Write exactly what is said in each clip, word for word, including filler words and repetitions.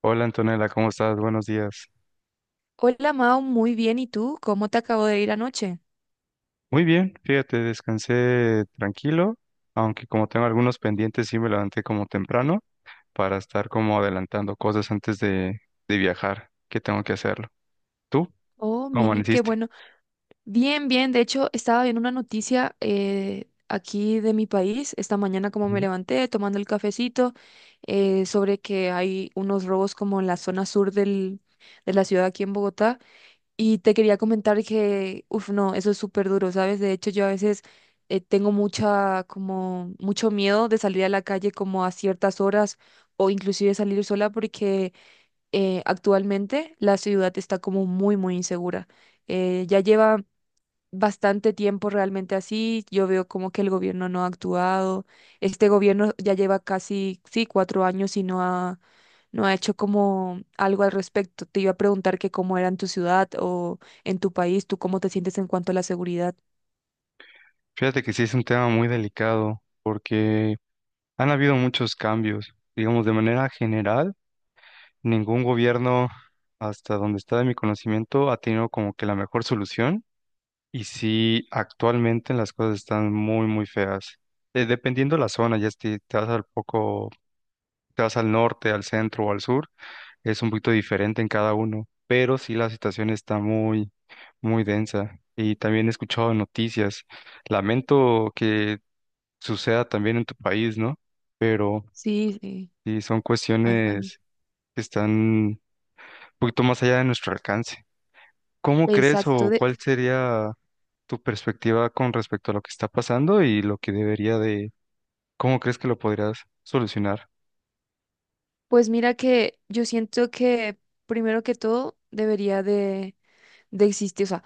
Hola Antonella, ¿cómo estás? Buenos días. Hola Mao, muy bien. ¿Y tú? ¿Cómo te acabo de ir anoche? Muy bien, fíjate, descansé tranquilo, aunque como tengo algunos pendientes, sí me levanté como temprano para estar como adelantando cosas antes de, de viajar, que tengo que hacerlo. ¿Tú? Oh, ¿Cómo mira, qué amaneciste? bueno. Bien, bien. De hecho, estaba viendo una noticia eh, aquí de mi país, esta mañana como me Ujú. levanté tomando el cafecito, eh, sobre que hay unos robos como en la zona sur del, de la ciudad aquí en Bogotá. Y te quería comentar que, uff, no, eso es súper duro, ¿sabes? De hecho, yo a veces eh, tengo mucha, como, mucho miedo de salir a la calle como a ciertas horas o inclusive salir sola porque eh, actualmente la ciudad está como muy, muy insegura. Eh, ya lleva bastante tiempo realmente así. Yo veo como que el gobierno no ha actuado. Este gobierno ya lleva casi, sí, cuatro años y no ha, no ha hecho como algo al respecto. Te iba a preguntar que cómo era en tu ciudad o en tu país, tú cómo te sientes en cuanto a la seguridad. Fíjate que sí es un tema muy delicado porque han habido muchos cambios, digamos, de manera general, ningún gobierno, hasta donde está de mi conocimiento, ha tenido como que la mejor solución. Y sí, actualmente las cosas están muy, muy feas. Eh, dependiendo de la zona, ya si te vas al poco, te vas al norte, al centro o al sur, es un poquito diferente en cada uno, pero sí la situación está muy, muy densa. Y también he escuchado noticias. Lamento que suceda también en tu país, ¿no? Pero Sí, sí, sí, son así. mi- cuestiones que están un poquito más allá de nuestro alcance. ¿Cómo crees Exacto. o de- cuál sería tu perspectiva con respecto a lo que está pasando y lo que debería de, cómo crees que lo podrías solucionar? Pues mira que yo siento que primero que todo debería de de existir. O sea,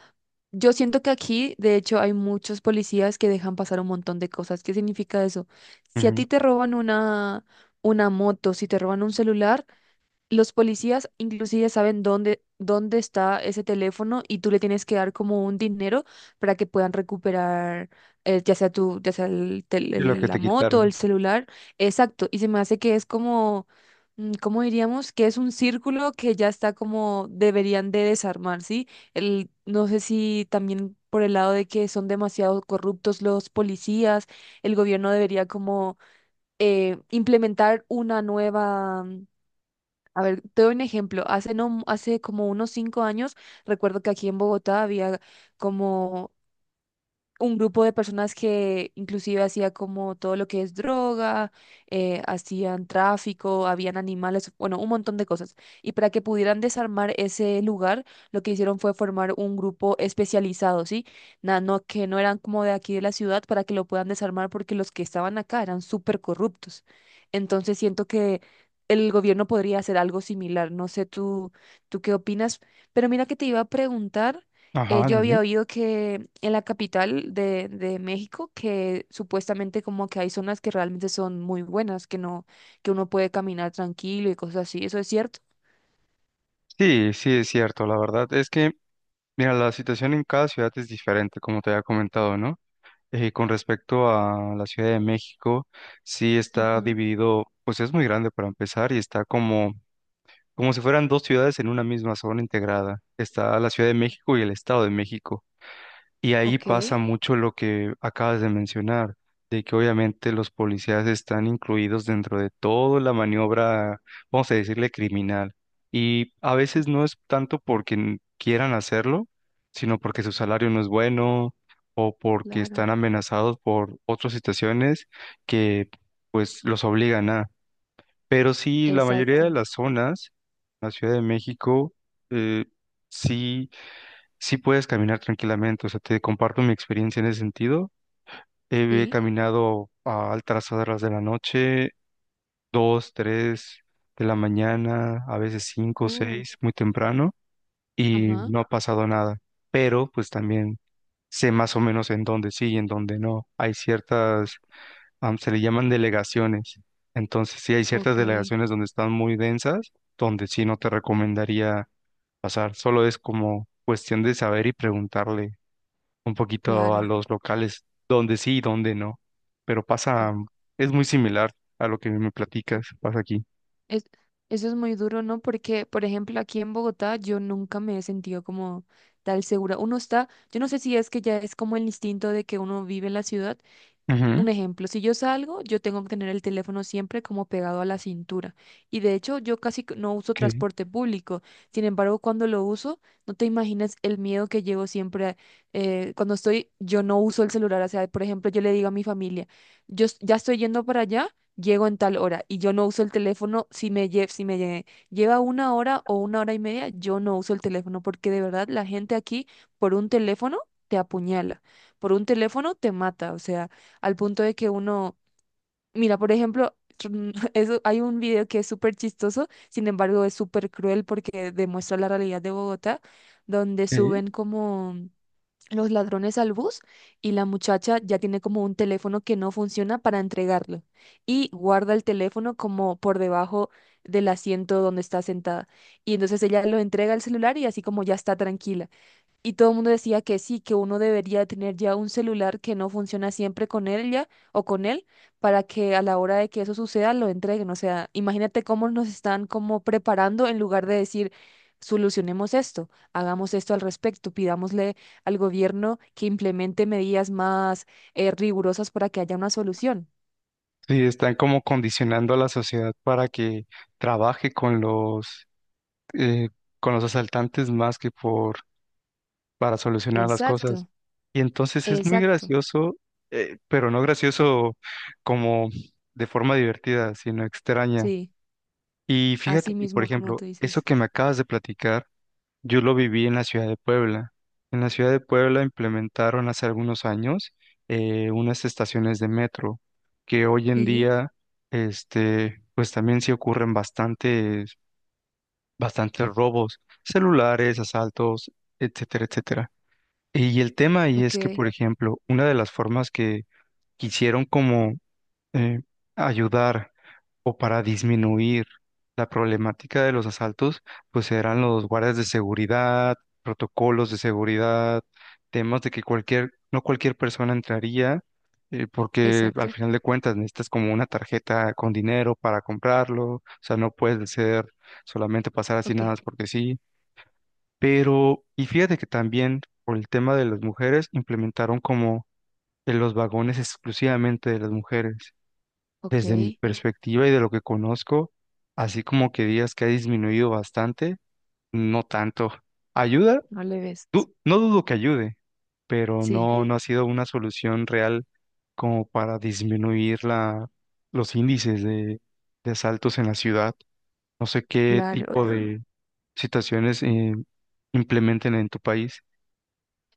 yo siento que aquí, de hecho, hay muchos policías que dejan pasar un montón de cosas. ¿Qué significa eso? Si a Ujú. ti te roban una, una moto, si te roban un celular, los policías inclusive saben dónde, dónde está ese teléfono y tú le tienes que dar como un dinero para que puedan recuperar eh, ya sea tu, ya sea el tel- Y lo el- que te la moto, el quitaron. celular. Exacto. Y se me hace que es como, mm, ¿cómo diríamos? Que es un círculo que ya está como deberían de desarmar, ¿sí? El, no sé si también por el lado de que son demasiado corruptos los policías, el gobierno debería como eh, implementar una nueva, a ver, te doy un ejemplo. Hace, no, hace como unos cinco años, recuerdo que aquí en Bogotá había como un grupo de personas que inclusive hacía como todo lo que es droga, eh, hacían tráfico, habían animales, bueno, un montón de cosas. Y para que pudieran desarmar ese lugar, lo que hicieron fue formar un grupo especializado, ¿sí? Na- no, que no eran como de aquí de la ciudad para que lo puedan desarmar porque los que estaban acá eran súper corruptos. Entonces siento que el gobierno podría hacer algo similar. No sé tú, tú qué opinas, pero mira que te iba a preguntar. Eh, Ajá, yo había dime. oído que en la capital de, de México, que supuestamente como que hay zonas que realmente son muy buenas, que no, que uno puede caminar tranquilo y cosas así. ¿Eso es cierto? Sí, sí, es cierto, la verdad. Es que, mira, la situación en cada ciudad es diferente, como te había comentado, ¿no? Eh, con respecto a la Ciudad de México, sí Ajá, está dividido, pues es muy grande para empezar y está como, como si fueran dos ciudades en una misma zona integrada. Está la Ciudad de México y el Estado de México. Y ahí ok, pasa mucho lo que acabas de mencionar, de que obviamente los policías están incluidos dentro de toda la maniobra, vamos a decirle, criminal. Y a veces cu- no es tanto porque n- quieran hacerlo, sino porque su salario no es bueno o porque claro, están amenazados por otras situaciones que pues los obligan a. Pero sí, la mayoría de exacto. las zonas, la Ciudad de México, eh, sí sí puedes caminar tranquilamente. O sea, te comparto mi experiencia en ese sentido. He, he Sí. caminado a altas horas de la noche, dos, tres de la mañana, a veces cinco, uh, seis, muy temprano, y ajá, no ha pasado nada. Pero pues también sé más o menos en dónde sí y en dónde no. Hay ciertas, am, se le llaman delegaciones. Entonces, sí hay ciertas ok, delegaciones donde están muy densas, donde sí no te recomendaría pasar. Solo es como cuestión de saber y preguntarle un poquito a claro. los locales, donde sí y donde no. Pero u- pasa, es muy similar a lo que me u- platicas, pasa aquí. Es, eso es muy duro, ¿no? Porque, por ejemplo, aquí en Bogotá yo nunca me he sentido como tal segura. Uno está, yo no sé si es que ya es como el instinto de que uno vive en la ciudad. Ujú, Un ejemplo, si yo salgo, yo tengo que tener el teléfono siempre como pegado a la cintura. Y de hecho, yo casi que no uso ok, transporte público. Sin embargo, cuando lo uso, no te imaginas el miedo que llevo siempre. Eh, cuando estoy, yo no uso el celular. O sea, por ejemplo, yo le digo a mi familia, yo s- ya estoy yendo para allá, llego en tal hora y yo no uso el teléfono si me, lle- si me lle- lleva una hora o una hora y media, yo no uso el teléfono porque de verdad la gente aquí por un teléfono te apuñala, por un teléfono te mata. O sea al punto de que uno, mira, por ejemplo, eso, hay un video que es súper chistoso, sin embargo es súper cruel porque demuestra la realidad de Bogotá, donde ok. suben como los ladrones al bus y la muchacha ya tiene como un teléfono que no funciona para entregarlo y guarda el teléfono como por debajo del asiento donde está sentada. Y entonces ella lo entrega el celular y así como ya está tranquila. Y todo el mundo decía que sí, que uno debería tener ya un celular que no funciona siempre con ella o con él para que a la hora de que eso suceda lo entreguen. O sea, imagínate cómo nos están como preparando en lugar de decir, solucionemos esto, hagamos esto al respecto, pidámosle al gobierno que implemente medidas más eh, rigurosas para que haya una solución. Sí, están como condicionando a la sociedad para que trabaje con los, eh, con los asaltantes más que por, para solucionar las cosas. Exacto, Y entonces es muy exacto. gracioso, eh, pero no gracioso como de forma divertida, sino extraña. Sí, Y fíjate así que, por mismo como ejemplo, tú eso dices. que me acabas de platicar, yo lo viví en la ciudad de Puebla. En la ciudad de Puebla implementaron hace algunos años eh, unas estaciones de metro que hoy en Sí, día, este, pues también sí ocurren bastantes, bastantes robos, celulares, asaltos, etcétera, etcétera. Y el tema ahí es que, ok, por ejemplo, una de las formas que quisieron como eh, ayudar o para disminuir la problemática de los asaltos, pues eran los guardias de seguridad, protocolos de seguridad, temas de que cualquier, no cualquier persona entraría, eh, porque al exacto, final de cuentas necesitas como una tarjeta con dinero para comprarlo, o sea, no puede ser solamente pasar así ok, nada más porque sí. Pero, y fíjate que también por el tema de las mujeres implementaron como en los vagones exclusivamente de las mujeres. ok, Desde mi perspectiva y de lo que conozco, así como que digas que ha disminuido bastante, no tanto. ¿Ayuda? no le ves. Du- no dudo que ayude, pero Sí, no, no ha sido una solución real como para disminuir la, los índices de, de asaltos en la ciudad. No sé qué claro. tipo de situaciones eh, implementen en tu país.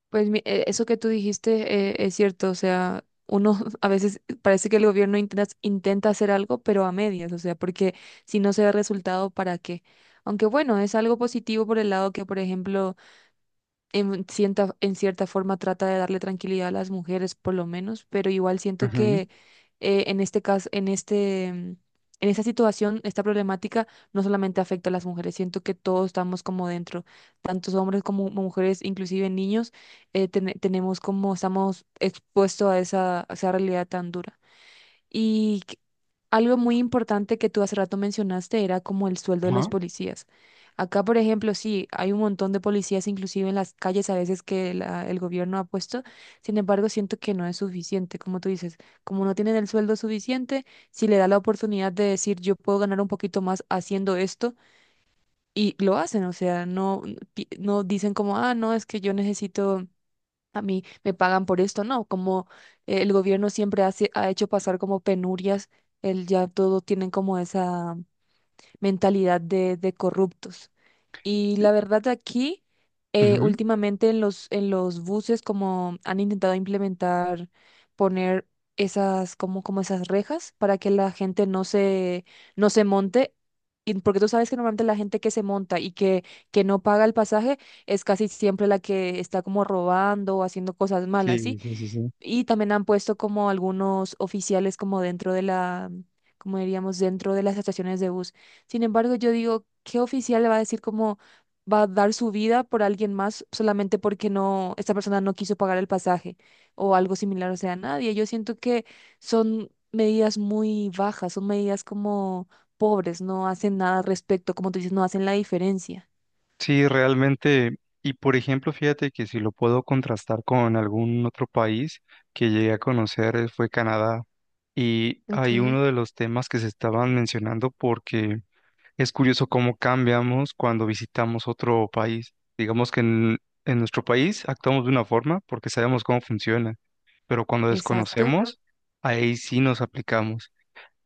Pues mi- eh, eso que tú dijiste, eh, es cierto, o sea, uno a veces parece que el gobierno intenta, intenta hacer algo, pero a medias, o sea, porque si no se ve resultado, ¿para qué? Aunque bueno, es algo positivo por el lado que, por ejemplo, en cierta, en cierta forma trata de darle tranquilidad a las mujeres, por lo menos, pero igual siento Ujú. que eh, en este caso, en este, mm, en esta situación, esta problemática no solamente afecta a las mujeres, siento que todos estamos como dentro, tantos hombres como mujeres, inclusive niños, eh, ten- tenemos como, estamos expuestos a esa, a esa realidad tan dura. Y que- algo muy importante que tú hace rato mencionaste era como el sueldo de los Ajá. policías. Acá, por ejemplo, sí, hay un montón de policías, inclusive en las calles a veces que la- el gobierno ha puesto. Sin embargo, siento que no es suficiente, como tú dices, como no tienen el sueldo suficiente, si le da la oportunidad de decir yo puedo ganar un poquito más haciendo esto, y lo hacen, o sea, no, pi- no dicen como, ah, no, es que yo necesito a mí me pagan por esto, no, como eh, el gobierno siempre hace, ha hecho pasar como penurias, el, ya todo tienen como esa mentalidad de, de corruptos. Y la Sí. verdad aquí, eh, Ujú. últimamente en los, en los buses como han intentado implementar, poner esas, como, como esas rejas para que la gente no se, no se monte. Y porque tú sabes que normalmente la gente que se monta y que, que no paga el pasaje es casi siempre la que está como robando o haciendo cosas malas, Sí, ¿sí? sí, sí, sí. Y también han puesto como algunos oficiales como dentro de la, como diríamos, dentro de las estaciones de bus. Sin embargo, yo digo, ¿qué oficial le va a decir cómo va a dar su vida por alguien más solamente porque no, esta persona no quiso pagar el pasaje o algo similar? O sea, nadie. Yo siento que son medidas muy bajas, son medidas como pobres, no hacen nada al respecto, como tú dices, no hacen la diferencia. Sí, realmente, y por ejemplo, fíjate que si lo puedo contrastar con algún otro país que llegué a conocer eh, fue Canadá. Y hay uno Ok, de los temas que se estaban mencionando porque es curioso cómo cambiamos cuando visitamos otro país. Digamos que en, en nuestro país actuamos de una forma porque sabemos cómo funciona, pero cuando Exacto. exacto, desconocemos, ahí sí nos aplicamos.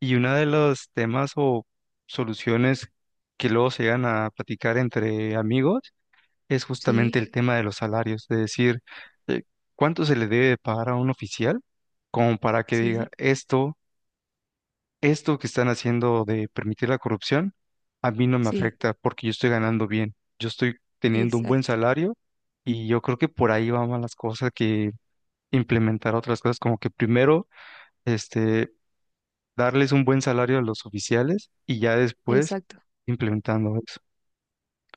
Y uno de los temas o soluciones que luego se llegan a platicar entre amigos es justamente sí, el tema de los salarios, de decir, eh, ¿cuánto se le debe de pagar a un oficial como para que diga sí, esto, esto que están haciendo de permitir la corrupción, a mí no me sí, afecta porque yo estoy ganando bien, yo estoy teniendo un buen exacto, salario y yo creo que por ahí van más las cosas que implementar otras cosas, como que primero, este, darles un buen salario a los oficiales y ya después exacto. implementando eso.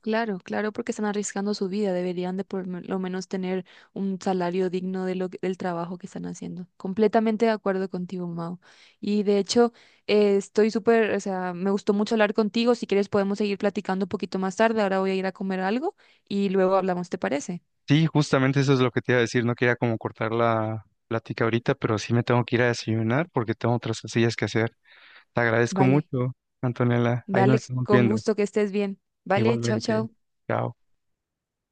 Claro, claro, porque están arriesgando su vida. Deberían de por me- lo menos tener un salario digno de lo, que- del trabajo que están haciendo. Completamente de acuerdo contigo, Mau. Y de hecho, eh, estoy súper, o sea, me gustó mucho hablar contigo. Si quieres podemos seguir platicando un poquito más tarde. Ahora voy a ir a comer algo y luego hablamos, ¿te parece? Sí, justamente eso es lo que te iba a decir. No quería como cortar la plática ahorita, pero sí me tengo que ir a desayunar porque tengo otras cosillas que hacer. Te agradezco Vale, mucho, Antonella. Ahí nos dale, estamos con viendo. gusto que estés bien. Vale, chao, Igualmente. chao. Chao.